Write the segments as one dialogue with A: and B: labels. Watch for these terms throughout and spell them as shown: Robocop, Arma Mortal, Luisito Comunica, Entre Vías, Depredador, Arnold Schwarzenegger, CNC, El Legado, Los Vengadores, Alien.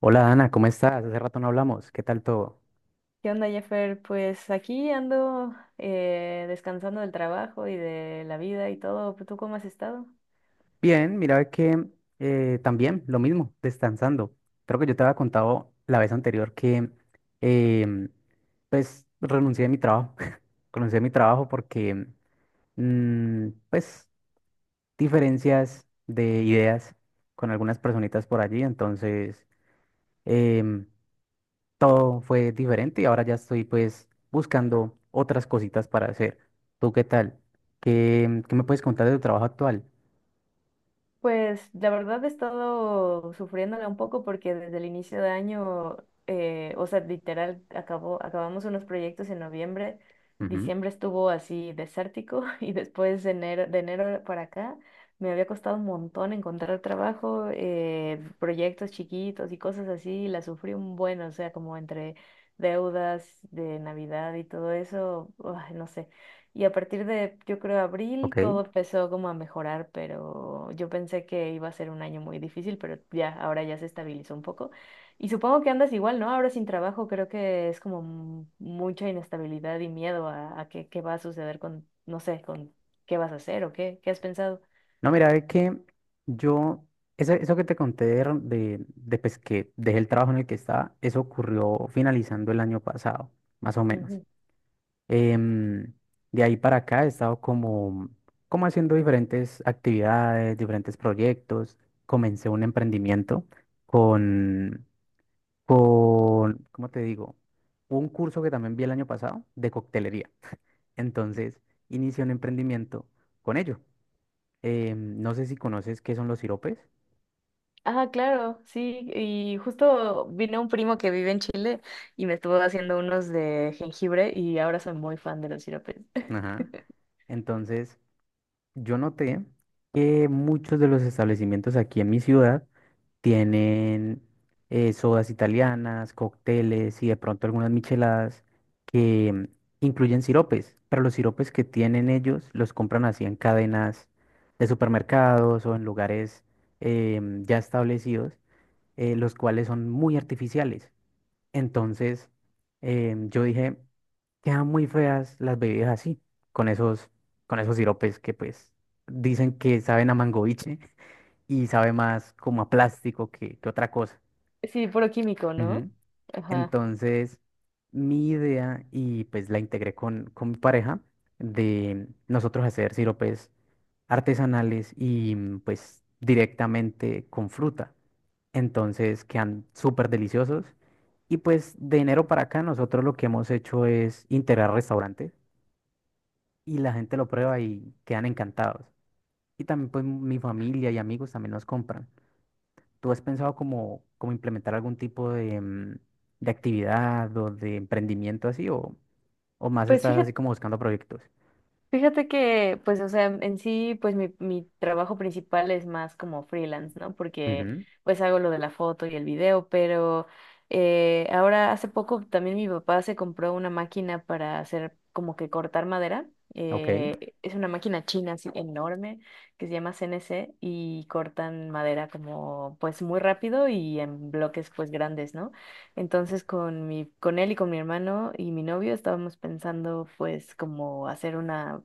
A: Hola Ana, ¿cómo estás? Hace rato no hablamos. ¿Qué tal todo?
B: ¿Qué onda, Jeffer? Pues aquí ando descansando del trabajo y de la vida y todo. ¿Tú cómo has estado?
A: Bien, mira que también lo mismo, descansando. Creo que yo te había contado la vez anterior que em, pues renuncié a mi trabajo. Renuncié a mi trabajo porque pues diferencias de ideas con algunas personitas por allí. Entonces em, todo fue diferente y ahora ya estoy pues buscando otras cositas para hacer. ¿Tú qué tal? ¿Qué me puedes contar de tu trabajo actual?
B: Pues la verdad he estado sufriéndola un poco porque desde el inicio de año, o sea, literal, acabamos unos proyectos en noviembre,
A: Ujú.
B: diciembre estuvo así desértico y después de enero para acá me había costado un montón encontrar trabajo, proyectos chiquitos y cosas así, la sufrí un buen, o sea, como entre deudas de Navidad y todo eso, uah, no sé. Y a partir de, yo creo, abril,
A: Ok.
B: todo empezó como a mejorar, pero yo pensé que iba a ser un año muy difícil, pero ya, ahora ya se estabilizó un poco. Y supongo que andas igual, ¿no? Ahora sin trabajo, creo que es como mucha inestabilidad y miedo a qué, qué va a suceder con, no sé, con qué vas a hacer o qué, qué has pensado.
A: No, mira, es que yo, eso, eso que te conté de, pues, que dejé el trabajo en el que estaba, eso ocurrió finalizando el año pasado, más o menos.
B: Ujú.
A: Em, de ahí para acá he estado como, como haciendo diferentes actividades, diferentes proyectos. Comencé un emprendimiento con con, ¿cómo te digo? Un curso que también vi el año pasado de coctelería. Entonces, inicié un emprendimiento con ello. No sé si conoces qué son los siropes.
B: Ah, claro, sí, y justo vino un primo que vive en Chile y me estuvo haciendo unos de jengibre y ahora soy muy fan de los siropes.
A: Ajá. Entonces, yo noté que muchos de los establecimientos aquí en mi ciudad tienen sodas italianas, cócteles y de pronto algunas micheladas que incluyen siropes, pero los siropes que tienen ellos los compran así en cadenas de supermercados o en lugares ya establecidos, los cuales son muy artificiales. Entonces, yo dije, quedan muy feas las bebidas así, con esos, con esos siropes que pues dicen que saben a mangoviche y sabe más como a plástico que otra cosa.
B: Sí, puro químico,
A: Ujú.
B: ¿no? Ajá.
A: Entonces, mi idea, y pues la integré con mi pareja, de nosotros hacer siropes artesanales y pues directamente con fruta. Entonces quedan súper deliciosos. Y pues de enero para acá nosotros lo que hemos hecho es integrar restaurantes y la gente lo prueba y quedan encantados. Y también pues mi familia y amigos también nos compran. ¿Tú has pensado como, como implementar algún tipo de, de actividad o de emprendimiento así o más
B: Pues
A: estás
B: fíjate,
A: así como buscando proyectos?
B: fíjate que, pues, o sea, en sí, pues mi trabajo principal es más como freelance, ¿no? Porque
A: Ujú.
B: pues hago lo de la foto y el video, pero ahora hace poco también mi papá se compró una máquina para hacer como que cortar madera.
A: Ok,
B: Es una máquina china así enorme que se llama CNC y cortan madera como pues muy rápido y en bloques pues grandes, ¿no? Entonces con mi, con él y con mi hermano y mi novio estábamos pensando pues como hacer una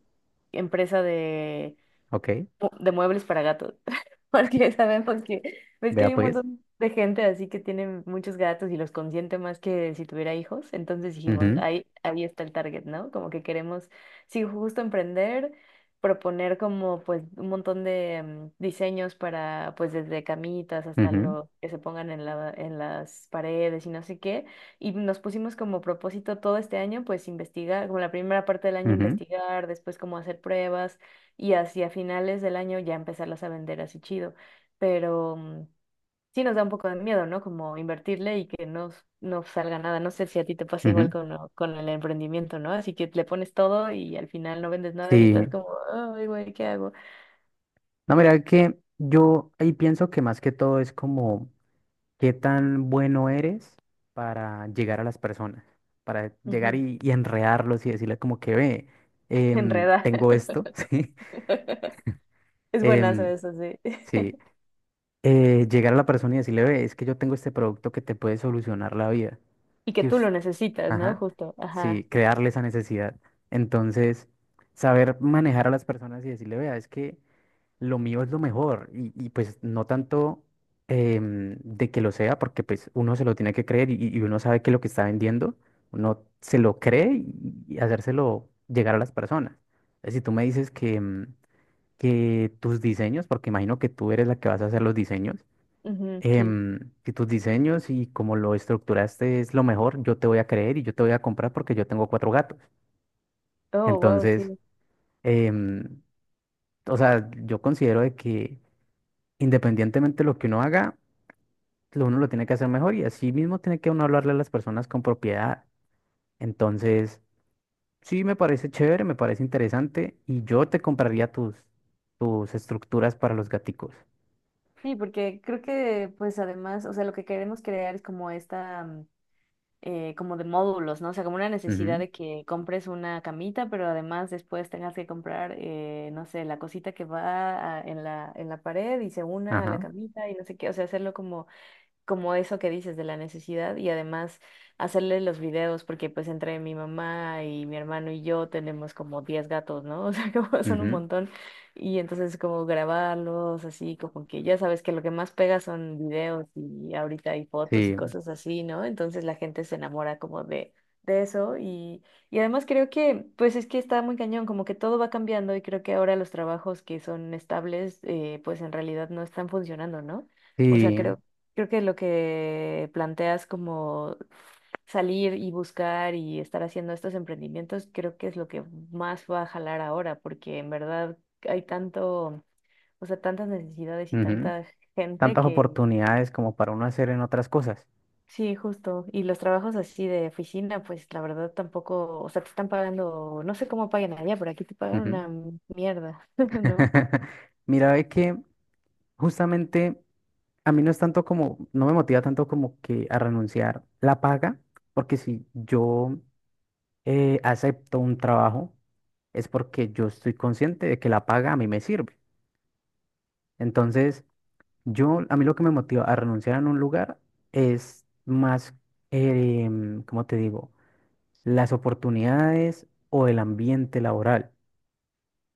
B: empresa
A: ok,
B: de muebles para gatos, porque sabemos que ves que
A: vea
B: hay un
A: pues.
B: montón de gente así que tiene muchos gatos y los consiente más que si tuviera hijos, entonces dijimos,
A: Ujú,
B: ahí está el target, ¿no? Como que queremos, sí, justo emprender, proponer como pues un montón de diseños para pues desde camitas hasta
A: ujú,
B: lo que se pongan en en las paredes y no sé qué, y nos pusimos como propósito todo este año pues investigar, como la primera parte del año
A: ujú,
B: investigar, después como hacer pruebas y hacia finales del año ya empezarlas a vender así chido. Pero sí nos da un poco de miedo, ¿no? Como invertirle y que no, no salga nada. No sé si a ti te pasa igual
A: ujú.
B: con, con el emprendimiento, ¿no? Así que le pones todo y al final no vendes nada y estás
A: Sí,
B: como, ay, güey, ¿qué hago?
A: no, mira que yo ahí pienso que más que todo es como ¿qué tan bueno eres para llegar a las personas? Para llegar
B: Ujú.
A: y enredarlos y decirles como que ve,
B: Enredar.
A: tengo esto, ¿sí?
B: Es buenazo
A: Em,
B: eso, sí.
A: sí. Llegar a la persona y decirle, ve, es que yo tengo este producto que te puede solucionar la vida.
B: Y que
A: Que
B: tú
A: us-
B: lo necesitas, ¿no?
A: Ajá.
B: Justo. Ajá.
A: Sí, crearle esa necesidad. Entonces, saber manejar a las personas y decirle, vea, es que lo mío es lo mejor y, pues no tanto de que lo sea, porque pues uno se lo tiene que creer y uno sabe que lo que está vendiendo, uno se lo cree y hacérselo llegar a las personas. Si tú me dices que, que tus diseños, porque imagino que tú eres la que vas a hacer los diseños,
B: Ujú, sí.
A: que tus diseños y como lo estructuraste es lo mejor, yo te voy a creer y yo te voy a comprar porque yo tengo cuatro gatos.
B: Oh, wow,
A: Entonces,
B: sí.
A: em, o sea, yo considero de que... independientemente de lo que uno haga, lo- uno lo tiene que hacer mejor y así mismo tiene que uno hablarle a las personas con propiedad. Entonces, sí, me parece chévere, me parece interesante y yo te compraría tus, tus estructuras para los gaticos.
B: Sí, porque creo que pues además, o sea, lo que queremos crear es como esta como de módulos, ¿no? O sea, como una necesidad
A: Ujú,
B: de que compres una camita, pero además después tengas que comprar, no sé, la cosita que en en la pared y se una a la
A: ajá,
B: camita y no sé qué, o sea, hacerlo como como eso que dices de la necesidad y además hacerle los videos porque pues entre mi mamá y mi hermano y yo tenemos como 10 gatos, ¿no? O sea, como son un
A: ujú,
B: montón y entonces como grabarlos así, como que ya sabes que lo que más pega son videos y ahorita hay fotos y
A: sí,
B: cosas así, ¿no? Entonces la gente se enamora como de eso y además creo que pues es que está muy cañón, como que todo va cambiando y creo que ahora los trabajos que son estables pues en realidad no están funcionando, ¿no? O sea,
A: sí,
B: creo que lo que planteas como salir y buscar y estar haciendo estos emprendimientos, creo que es lo que más va a jalar ahora, porque en verdad hay tanto, o sea, tantas necesidades y
A: ujú.
B: tanta gente
A: Tantas
B: que
A: oportunidades como para uno hacer en otras cosas.
B: sí, justo. Y los trabajos así de oficina, pues la verdad tampoco, o sea, te están pagando, no sé cómo pagan allá, pero aquí te pagan
A: Ujú.
B: una mierda, ¿no?
A: Mira, ve que justamente a mí no es tanto como, no me motiva tanto como que a renunciar la paga, porque si yo acepto un trabajo es porque yo estoy consciente de que la paga a mí me sirve. Entonces, yo, a mí lo que me motiva a renunciar en un lugar es más, ¿cómo te digo? Las oportunidades o el ambiente laboral.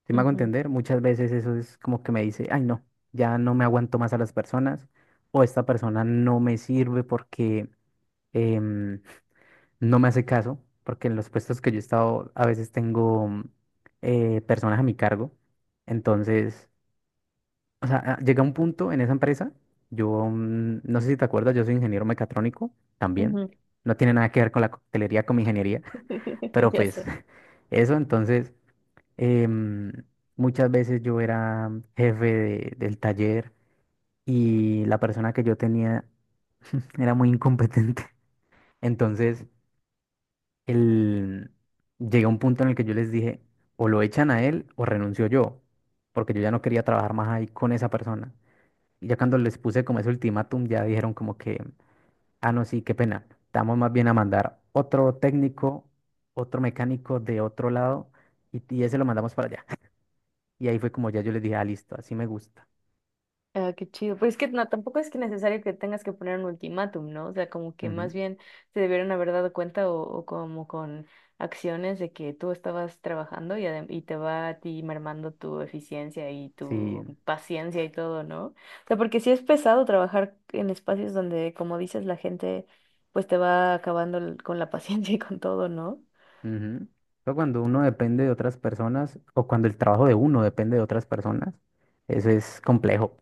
A: ¿Si me hago
B: Ujú,
A: entender? Muchas veces eso es como que me dice, ay, no, ya no me aguanto más a las personas o esta persona no me sirve porque, em, no me hace caso, porque en los puestos que yo he estado a veces tengo personas a mi cargo. Entonces, o sea, ah, llega un punto en esa empresa, yo no sé si te acuerdas, yo soy ingeniero mecatrónico también.
B: ujú.
A: No tiene nada que ver con la coctelería, con mi ingeniería, pero
B: Ya
A: pues
B: sé.
A: eso, entonces, em, muchas veces yo era jefe de- del taller y la persona que yo tenía era muy incompetente. Entonces, el, llegué a un punto en el que yo les dije, o lo echan a él o renuncio yo, porque yo ya no quería trabajar más ahí con esa persona. Y ya cuando les puse como ese ultimátum, ya dijeron como que, ah, no, sí, qué pena, estamos más bien a mandar otro técnico, otro mecánico de otro lado y ese lo mandamos para allá. Y ahí fue como ya yo les dije, ah, listo, así me gusta.
B: Ah, qué chido. Pues es que no, tampoco es que necesario que tengas que poner un ultimátum, ¿no? O sea, como que más
A: Ujú,
B: bien se debieron haber dado cuenta o como con acciones de que tú estabas trabajando y, y te va a ti mermando tu eficiencia y
A: sí,
B: tu paciencia y todo, ¿no? O sea, porque sí es pesado trabajar en espacios donde, como dices, la gente pues te va acabando con la paciencia y con todo, ¿no?
A: ujú. Pero cuando uno depende de otras personas o cuando el trabajo de uno depende de otras personas, eso es complejo.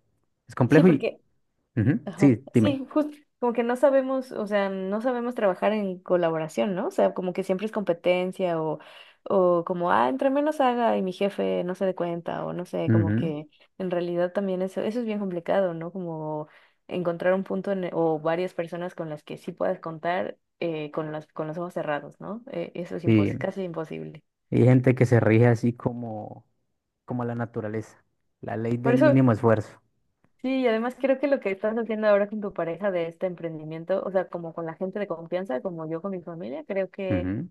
A: Es
B: Sí,
A: complejo y...
B: porque
A: ujú,
B: Ajá.
A: sí, dime.
B: Sí, justo como que no sabemos, o sea, no sabemos trabajar en colaboración, ¿no? O sea, como que siempre es competencia o como, ah, entre menos haga y mi jefe no se dé cuenta o no sé, como
A: Ujú,
B: que en realidad también eso es bien complicado, ¿no? Como encontrar un punto o varias personas con las que sí puedas contar con las, con los ojos cerrados, ¿no? Eso es
A: sí.
B: casi imposible.
A: Y hay gente que se rige así como, como la naturaleza, la ley
B: Por
A: del
B: eso
A: mínimo esfuerzo.
B: sí, y además creo que lo que estás haciendo ahora con tu pareja de este emprendimiento, o sea, como con la gente de confianza, como yo con mi familia, creo que
A: Ujú,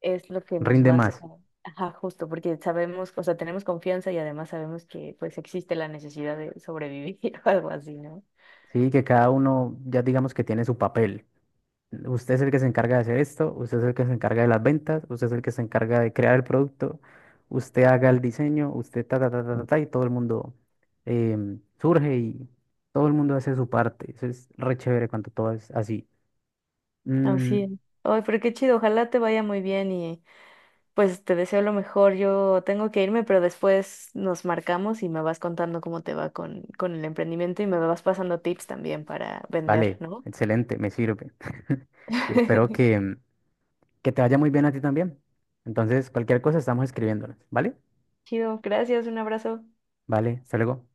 B: es lo que nos
A: rinde
B: va a
A: más.
B: sacar. Ajá, justo, porque sabemos, o sea, tenemos confianza y además sabemos que pues existe la necesidad de sobrevivir o algo así, ¿no?
A: Sí, que cada uno ya digamos que tiene su papel. Usted es el que se encarga de hacer esto, usted es el que se encarga de las ventas, usted es el que se encarga de crear el producto, usted haga el diseño, usted ta, ta, ta, ta, ta, ta, y todo el mundo surge y todo el mundo hace su parte. Eso es re chévere cuando todo es así. Mm,
B: Así es. Ay, pero qué chido, ojalá te vaya muy bien y pues te deseo lo mejor. Yo tengo que irme, pero después nos marcamos y me vas contando cómo te va con el emprendimiento y me vas pasando tips también para vender,
A: vale,
B: ¿no?
A: excelente, me sirve. Y espero que te vaya muy bien a ti también. Entonces, cualquier cosa estamos escribiéndonos, ¿vale?
B: Chido, gracias, un abrazo.
A: Vale, hasta luego.